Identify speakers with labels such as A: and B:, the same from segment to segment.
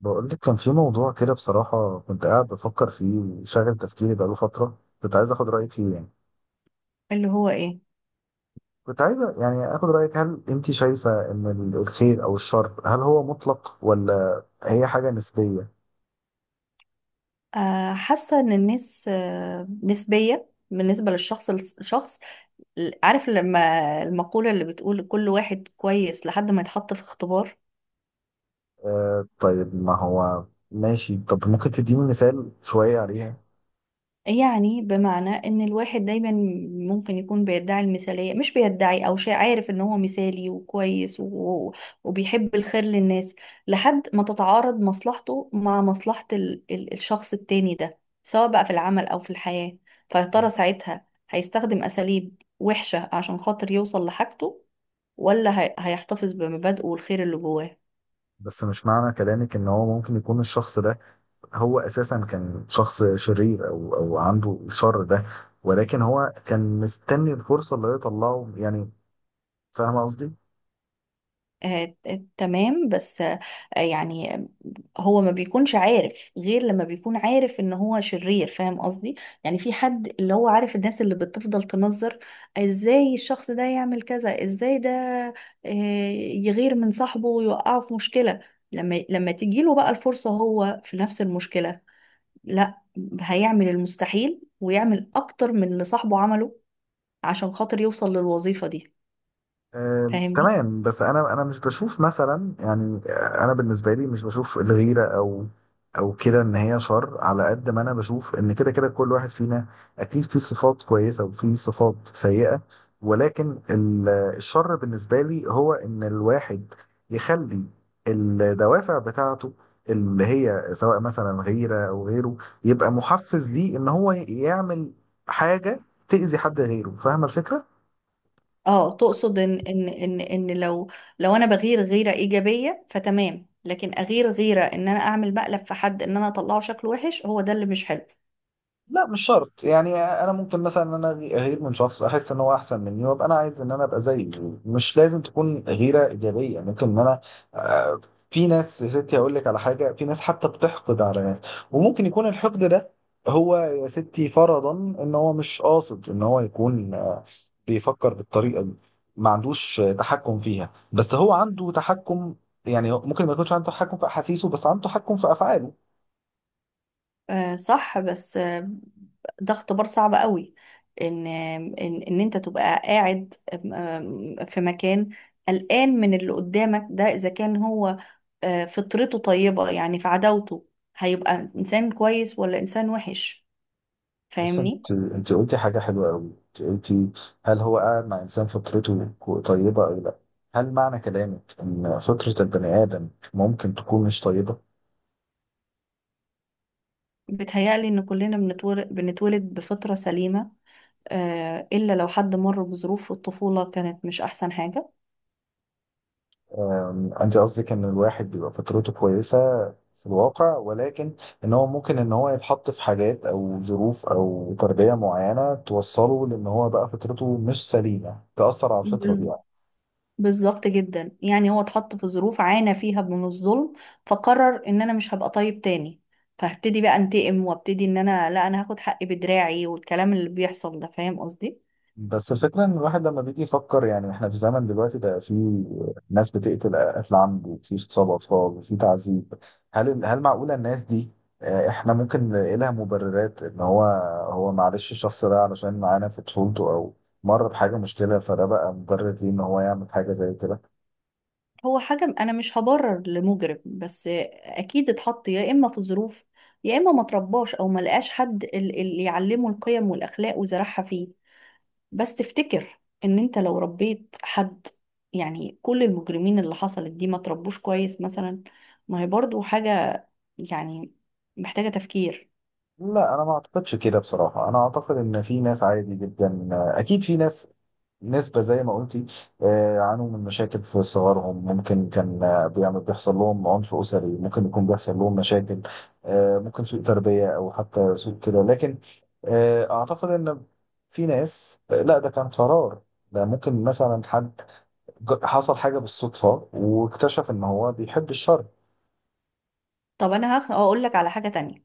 A: بقول لك كان في موضوع كده، بصراحة كنت قاعد بفكر فيه وشاغل تفكيري بقاله فترة، كنت عايز اخد رأيك فيه يعني.
B: اللي هو ايه؟
A: كنت عايز يعني اخد رأيك، هل انت شايفة ان الخير او الشر، هل هو مطلق ولا هي حاجة نسبية؟
B: آه، حاسه ان الناس نسبيه بالنسبه للشخص الشخص. عارف لما المقوله اللي بتقول كل واحد كويس لحد ما يتحط في اختبار.
A: آه، طيب ما هو ماشي، طب ممكن تديني مثال شوية عليها؟
B: يعني بمعنى ان الواحد دايما ممكن يكون بيدعي المثالية، مش بيدعي او شيء، عارف ان هو مثالي وكويس وبيحب الخير للناس، لحد ما تتعارض مصلحته مع مصلحة الشخص التاني ده، سواء بقى في العمل او في الحياة. فيا ترى ساعتها هيستخدم اساليب وحشة عشان خاطر يوصل لحاجته، ولا هيحتفظ بمبادئه والخير اللي جواه؟
A: بس مش معنى كلامك ان هو ممكن يكون الشخص ده هو اساسا كان شخص شرير او عنده الشر ده، ولكن هو كان مستني الفرصة اللي هي يطلعه يعني؟ فاهمة قصدي؟
B: آه، تمام، بس يعني هو ما بيكونش عارف غير لما بيكون عارف ان هو شرير، فاهم قصدي؟ يعني في حد اللي هو عارف الناس اللي بتفضل تنظر ازاي الشخص ده يعمل كذا، ازاي ده آه، يغير من صاحبه ويوقعه في مشكلة. لما تجيله بقى الفرصة هو في نفس المشكلة، لا، هيعمل المستحيل ويعمل اكتر من اللي صاحبه عمله عشان خاطر يوصل للوظيفة دي،
A: آه،
B: فاهمني؟
A: تمام. بس انا مش بشوف مثلا يعني، انا بالنسبه لي مش بشوف الغيره او كده ان هي شر، على قد ما انا بشوف ان كده كده كل واحد فينا اكيد فيه صفات كويسه وفيه صفات سيئه. ولكن الشر بالنسبه لي هو ان الواحد يخلي الدوافع بتاعته اللي هي سواء مثلا غيره او غيره يبقى محفز ليه ان هو يعمل حاجه تأذي حد غيره. فاهمه الفكره؟
B: اه، تقصد ان لو لو انا بغير غيرة ايجابية فتمام، لكن اغير غيرة ان انا اعمل مقلب في حد، ان انا اطلعه شكله وحش، هو ده اللي مش حلو.
A: لا مش شرط، يعني انا ممكن مثلا ان انا اغير من شخص احس ان هو احسن مني وابقى انا عايز ان انا ابقى زيه. مش لازم تكون غيره ايجابيه، ممكن ان انا آه، في ناس يا ستي، هقول لك على حاجه، في ناس حتى بتحقد على ناس، وممكن يكون الحقد ده هو يا ستي فرضا ان هو مش قاصد ان هو يكون، بيفكر بالطريقه دي، ما عندوش تحكم فيها، بس هو عنده تحكم. يعني ممكن ما يكونش عنده تحكم في احاسيسه بس عنده تحكم في افعاله.
B: آه صح، بس آه، ده اختبار صعب قوي، ان انت تبقى قاعد في مكان قلقان من اللي قدامك ده، اذا كان هو آه فطرته طيبة يعني في عداوته، هيبقى انسان كويس ولا انسان وحش؟
A: بس
B: فاهمني؟
A: انت قلتي حاجة حلوة قوي، انت قلتي هل هو قاعد مع انسان فطرته طيبة او لا؟ هل معنى كلامك ان فطرة البني ادم ممكن تكون مش طيبة؟
B: بتهيألي ان كلنا بنتولد بفطرة سليمة، آه، إلا لو حد مر بظروف في الطفولة كانت مش أحسن حاجة.
A: انت قصدك ان الواحد بيبقى فطرته كويسة في الواقع، ولكن ان هو ممكن ان هو يتحط في حاجات او ظروف او تربية معينة توصله لان هو بقى فطرته مش سليمة، تأثر على الفطرة
B: بال-
A: دي.
B: بالظبط جدا، يعني هو اتحط في ظروف عانى فيها من الظلم فقرر ان انا مش هبقى طيب تاني، فهبتدي بقى انتقم وابتدي ان انا، لا، انا هاخد حقي بدراعي والكلام اللي بيحصل ده، فاهم قصدي؟
A: بس الفكرة إن الواحد لما بيجي يفكر، يعني إحنا في زمن دلوقتي بقى فيه ناس بتقتل قتل عمد، وفي اغتصاب أطفال، وفي تعذيب. هل معقولة الناس دي، إحنا ممكن نلاقي لها مبررات إن هو معلش الشخص ده علشان معانا في طفولته أو مر بحاجة مشكلة، فده بقى مبرر ليه إن هو يعمل حاجة زي كده؟
B: هو حاجة انا مش هبرر لمجرم، بس اكيد اتحط يا اما في ظروف، يا اما ما ترباش او ما لقاش حد اللي يعلمه القيم والاخلاق وزرعها فيه. بس تفتكر ان انت لو ربيت حد، يعني كل المجرمين اللي حصلت دي ما تربوش كويس مثلا؟ ما هي برضو حاجة يعني محتاجة تفكير.
A: لا أنا ما أعتقدش كده بصراحة. أنا أعتقد إن في ناس عادي جدا، أكيد في ناس، نسبة زي ما قلتي، عانوا من مشاكل في صغرهم، ممكن كان بيحصل لهم عنف أسري، ممكن يكون بيحصل لهم مشاكل، ممكن سوء تربية أو حتى سوء كده، لكن أعتقد إن في ناس، لا ده كان قرار. ده ممكن مثلا حد حصل حاجة بالصدفة واكتشف إن هو بيحب الشر.
B: طب انا هقول لك على حاجة تانية،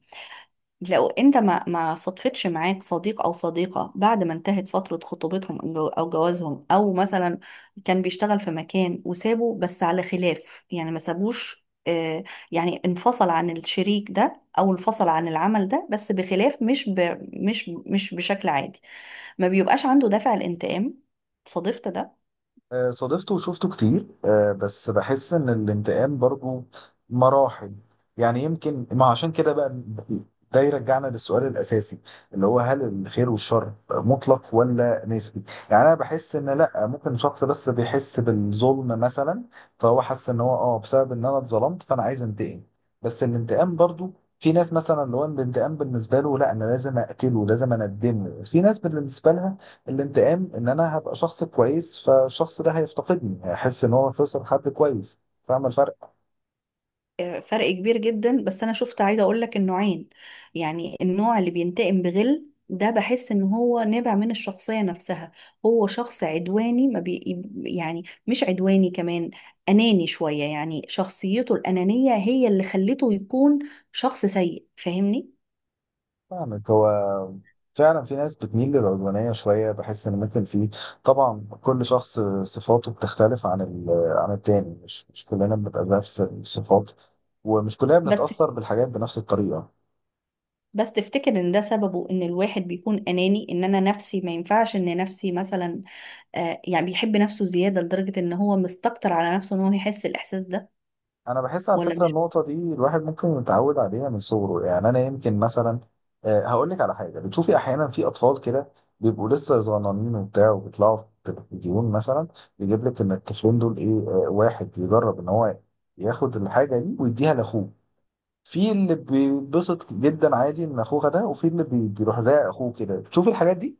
B: لو انت ما صدفتش معاك صديق او صديقة بعد ما انتهت فترة خطوبتهم او أو جوازهم، او مثلا كان بيشتغل في مكان وسابه بس على خلاف، يعني ما سابوش يعني انفصل عن الشريك ده او انفصل عن العمل ده، بس بخلاف، مش بشكل عادي، ما بيبقاش عنده دافع الانتقام؟ صادفت ده؟
A: صادفته وشفته كتير، بس بحس ان الانتقام برضو مراحل. يعني يمكن ما عشان كده بقى، ده يرجعنا للسؤال الاساسي، اللي هو هل الخير والشر مطلق ولا نسبي؟ يعني انا بحس ان لا، ممكن شخص بس بيحس بالظلم مثلا فهو حس ان هو بسبب ان انا اتظلمت فانا عايز انتقم. بس الانتقام برضو، في ناس مثلا اللي هو الانتقام بالنسبه له لا انا لازم اقتله لازم اندمه، في ناس بالنسبه لها الانتقام ان انا هبقى شخص كويس، فالشخص ده هيفتقدني هيحس ان هو خسر حد كويس. فاهم الفرق؟
B: فرق كبير جدا، بس انا شفت عايزه اقول لك النوعين. يعني النوع اللي بينتقم بغل ده، بحس ان هو نابع من الشخصيه نفسها، هو شخص عدواني، ما بي يعني مش عدواني كمان، اناني شويه، يعني شخصيته الانانيه هي اللي خلته يكون شخص سيء، فاهمني؟
A: فاهمك. هو فعلا في ناس بتميل للعدوانية شوية، بحس ان ممكن في، طبعا كل شخص صفاته بتختلف عن عن التاني، مش كلنا بنبقى نفس الصفات، ومش كلنا
B: بس
A: بنتأثر بالحاجات بنفس الطريقة.
B: بس تفتكر ان ده سببه ان الواحد بيكون اناني، ان انا نفسي ما ينفعش ان نفسي مثلا آه، يعني بيحب نفسه زياده لدرجه ان هو مستكتر على نفسه ان هو يحس الاحساس ده،
A: انا بحس على
B: ولا؟
A: فكره النقطه دي الواحد ممكن يتعود عليها من صغره، يعني انا يمكن مثلا، هقول لك على حاجه، بتشوفي احيانا في اطفال كده بيبقوا لسه صغننين وبتاع وبيطلعوا في التلفزيون مثلا، يجيب لك ان الطفلين دول ايه، واحد يجرب ان هو ياخد الحاجه دي ويديها لاخوه، في اللي بيتبسط جدا عادي ان اخوه ده وفي اللي بيروح زي اخوه كده. بتشوفي الحاجات دي؟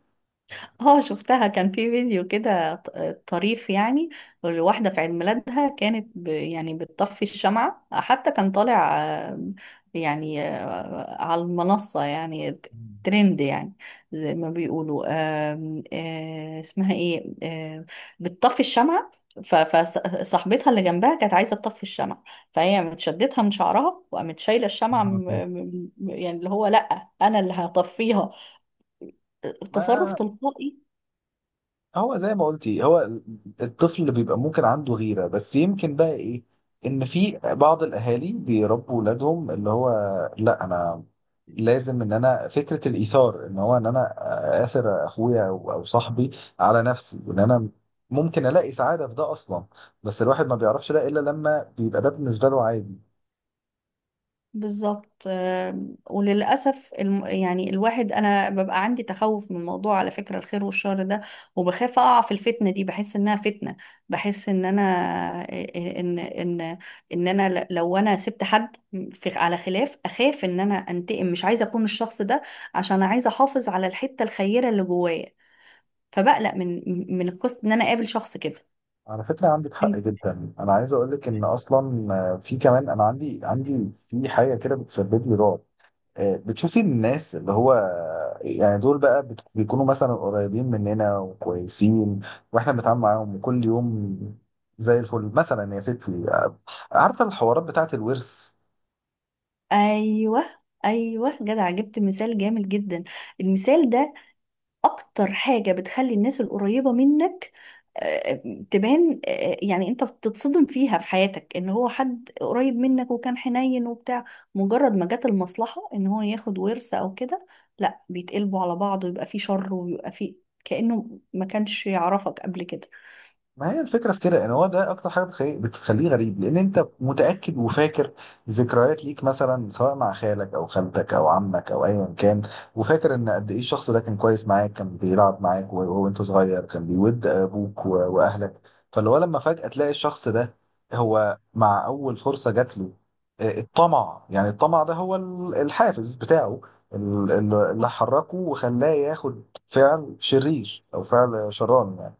B: اه شفتها، كان في فيديو كده طريف يعني، الواحدة في عيد ميلادها كانت يعني بتطفي الشمعة، حتى كان طالع يعني على المنصة، يعني
A: مم.
B: ترند يعني زي ما بيقولوا، آم، آه، اسمها ايه بتطفي الشمعة، فصاحبتها اللي جنبها كانت عايزة تطفي الشمعة، فهي متشدتها من شعرها وقامت شايلة
A: يا
B: الشمعة،
A: نهار أبيض.
B: يعني اللي هو لأ أنا اللي هتصرف
A: ما
B: تلقائي.
A: هو زي ما قلتي، هو الطفل اللي بيبقى ممكن عنده غيرة، بس يمكن بقى ايه؟ ان في بعض الاهالي بيربوا ولادهم اللي هو لا انا لازم ان انا، فكرة الايثار ان هو ان انا اثر اخويا أو صاحبي على نفسي، وان انا ممكن الاقي سعادة في ده اصلا. بس الواحد ما بيعرفش ده الا لما بيبقى ده بالنسبة له عادي.
B: بالظبط، وللأسف يعني الواحد أنا ببقى عندي تخوف من موضوع على فكرة الخير والشر ده، وبخاف أقع في الفتنة دي، بحس إنها فتنة، بحس إن أنا آه، إن إن أنا لو أنا سبت حد على خلاف، أخاف إن أنا أنتقم، مش عايزة أكون الشخص ده، عشان عايزة أحافظ على الحتة الخيرة اللي جوايا، فبقلق من قصة إن أنا أقابل شخص كده.
A: على فكرة عندك حق جدا. انا عايز اقول لك ان اصلا في كمان، انا عندي في حاجة كده بتسبب لي رعب، بتشوفي الناس اللي هو، يعني دول بقى بيكونوا مثلا قريبين مننا وكويسين، واحنا بنتعامل معاهم كل يوم زي الفل مثلا يا ستي، عارفه الحوارات بتاعت الورث؟
B: أيوه، أيوه، جدع، جبت مثال جامد جدا. المثال ده اكتر حاجة بتخلي الناس القريبة منك آه، تبان، يعني انت بتتصدم فيها في حياتك، ان هو حد قريب منك وكان حنين وبتاع، مجرد ما جت المصلحة ان هو ياخد ورث او كده، لا، بيتقلبوا على بعض ويبقى فيه شر ويبقى فيه، كأنه ما كانش يعرفك قبل كده.
A: ما هي الفكرة في كده، ان هو ده اكتر حاجة بتخليه غريب، لان انت متأكد وفاكر ذكريات ليك مثلا سواء مع خالك او خالتك او عمك او ايا كان، وفاكر ان قد ايه الشخص ده كان كويس معاك، كان بيلعب معاك وهو انت صغير، كان بيود ابوك واهلك. فاللي هو لما فجأة تلاقي الشخص ده هو مع اول فرصة جات له، الطمع ده هو الحافز بتاعه، اللي حركه وخلاه ياخد فعل شرير او فعل شراني يعني.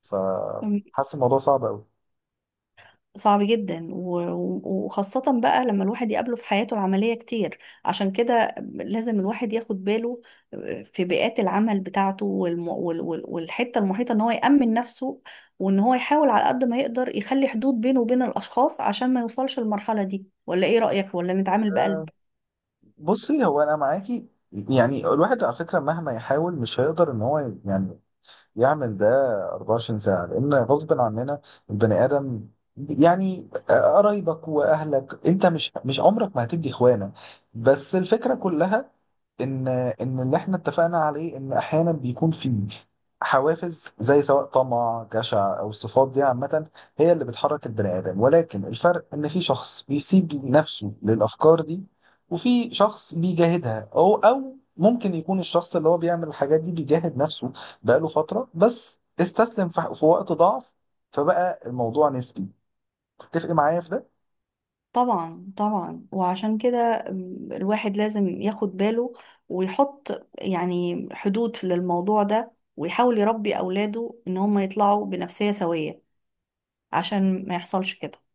A: فحاسس الموضوع صعب قوي.
B: صعب جدا، وخاصة بقى لما الواحد يقابله في حياته العملية كتير، عشان كده لازم الواحد ياخد باله في بيئات العمل بتاعته والحتة المحيطة، ان هو يأمن نفسه، وان هو يحاول على قد ما يقدر يخلي حدود بينه وبين الأشخاص عشان ما يوصلش المرحلة دي. ولا ايه رأيك، ولا نتعامل بقلب؟
A: بصي، هو انا معاكي، يعني الواحد على فكره مهما يحاول مش هيقدر ان هو يعني يعمل ده 24 ساعه، لان غصب عننا البني ادم، يعني قرايبك واهلك انت مش عمرك ما هتدي اخوانك. بس الفكره كلها ان ان اللي احنا اتفقنا عليه ان احيانا بيكون في حوافز زي سواء طمع جشع او الصفات دي عامه، هي اللي بتحرك البني ادم. ولكن الفرق ان في شخص بيسيب نفسه للافكار دي، وفي شخص بيجاهدها، او ممكن يكون الشخص اللي هو بيعمل الحاجات دي بيجاهد نفسه بقاله فتره بس استسلم في وقت ضعف، فبقى الموضوع نسبي. تتفق معايا في ده؟
B: طبعا طبعا، وعشان كده الواحد لازم ياخد باله ويحط يعني حدود للموضوع ده، ويحاول يربي أولاده إن هم يطلعوا بنفسية سوية عشان ما يحصلش كده.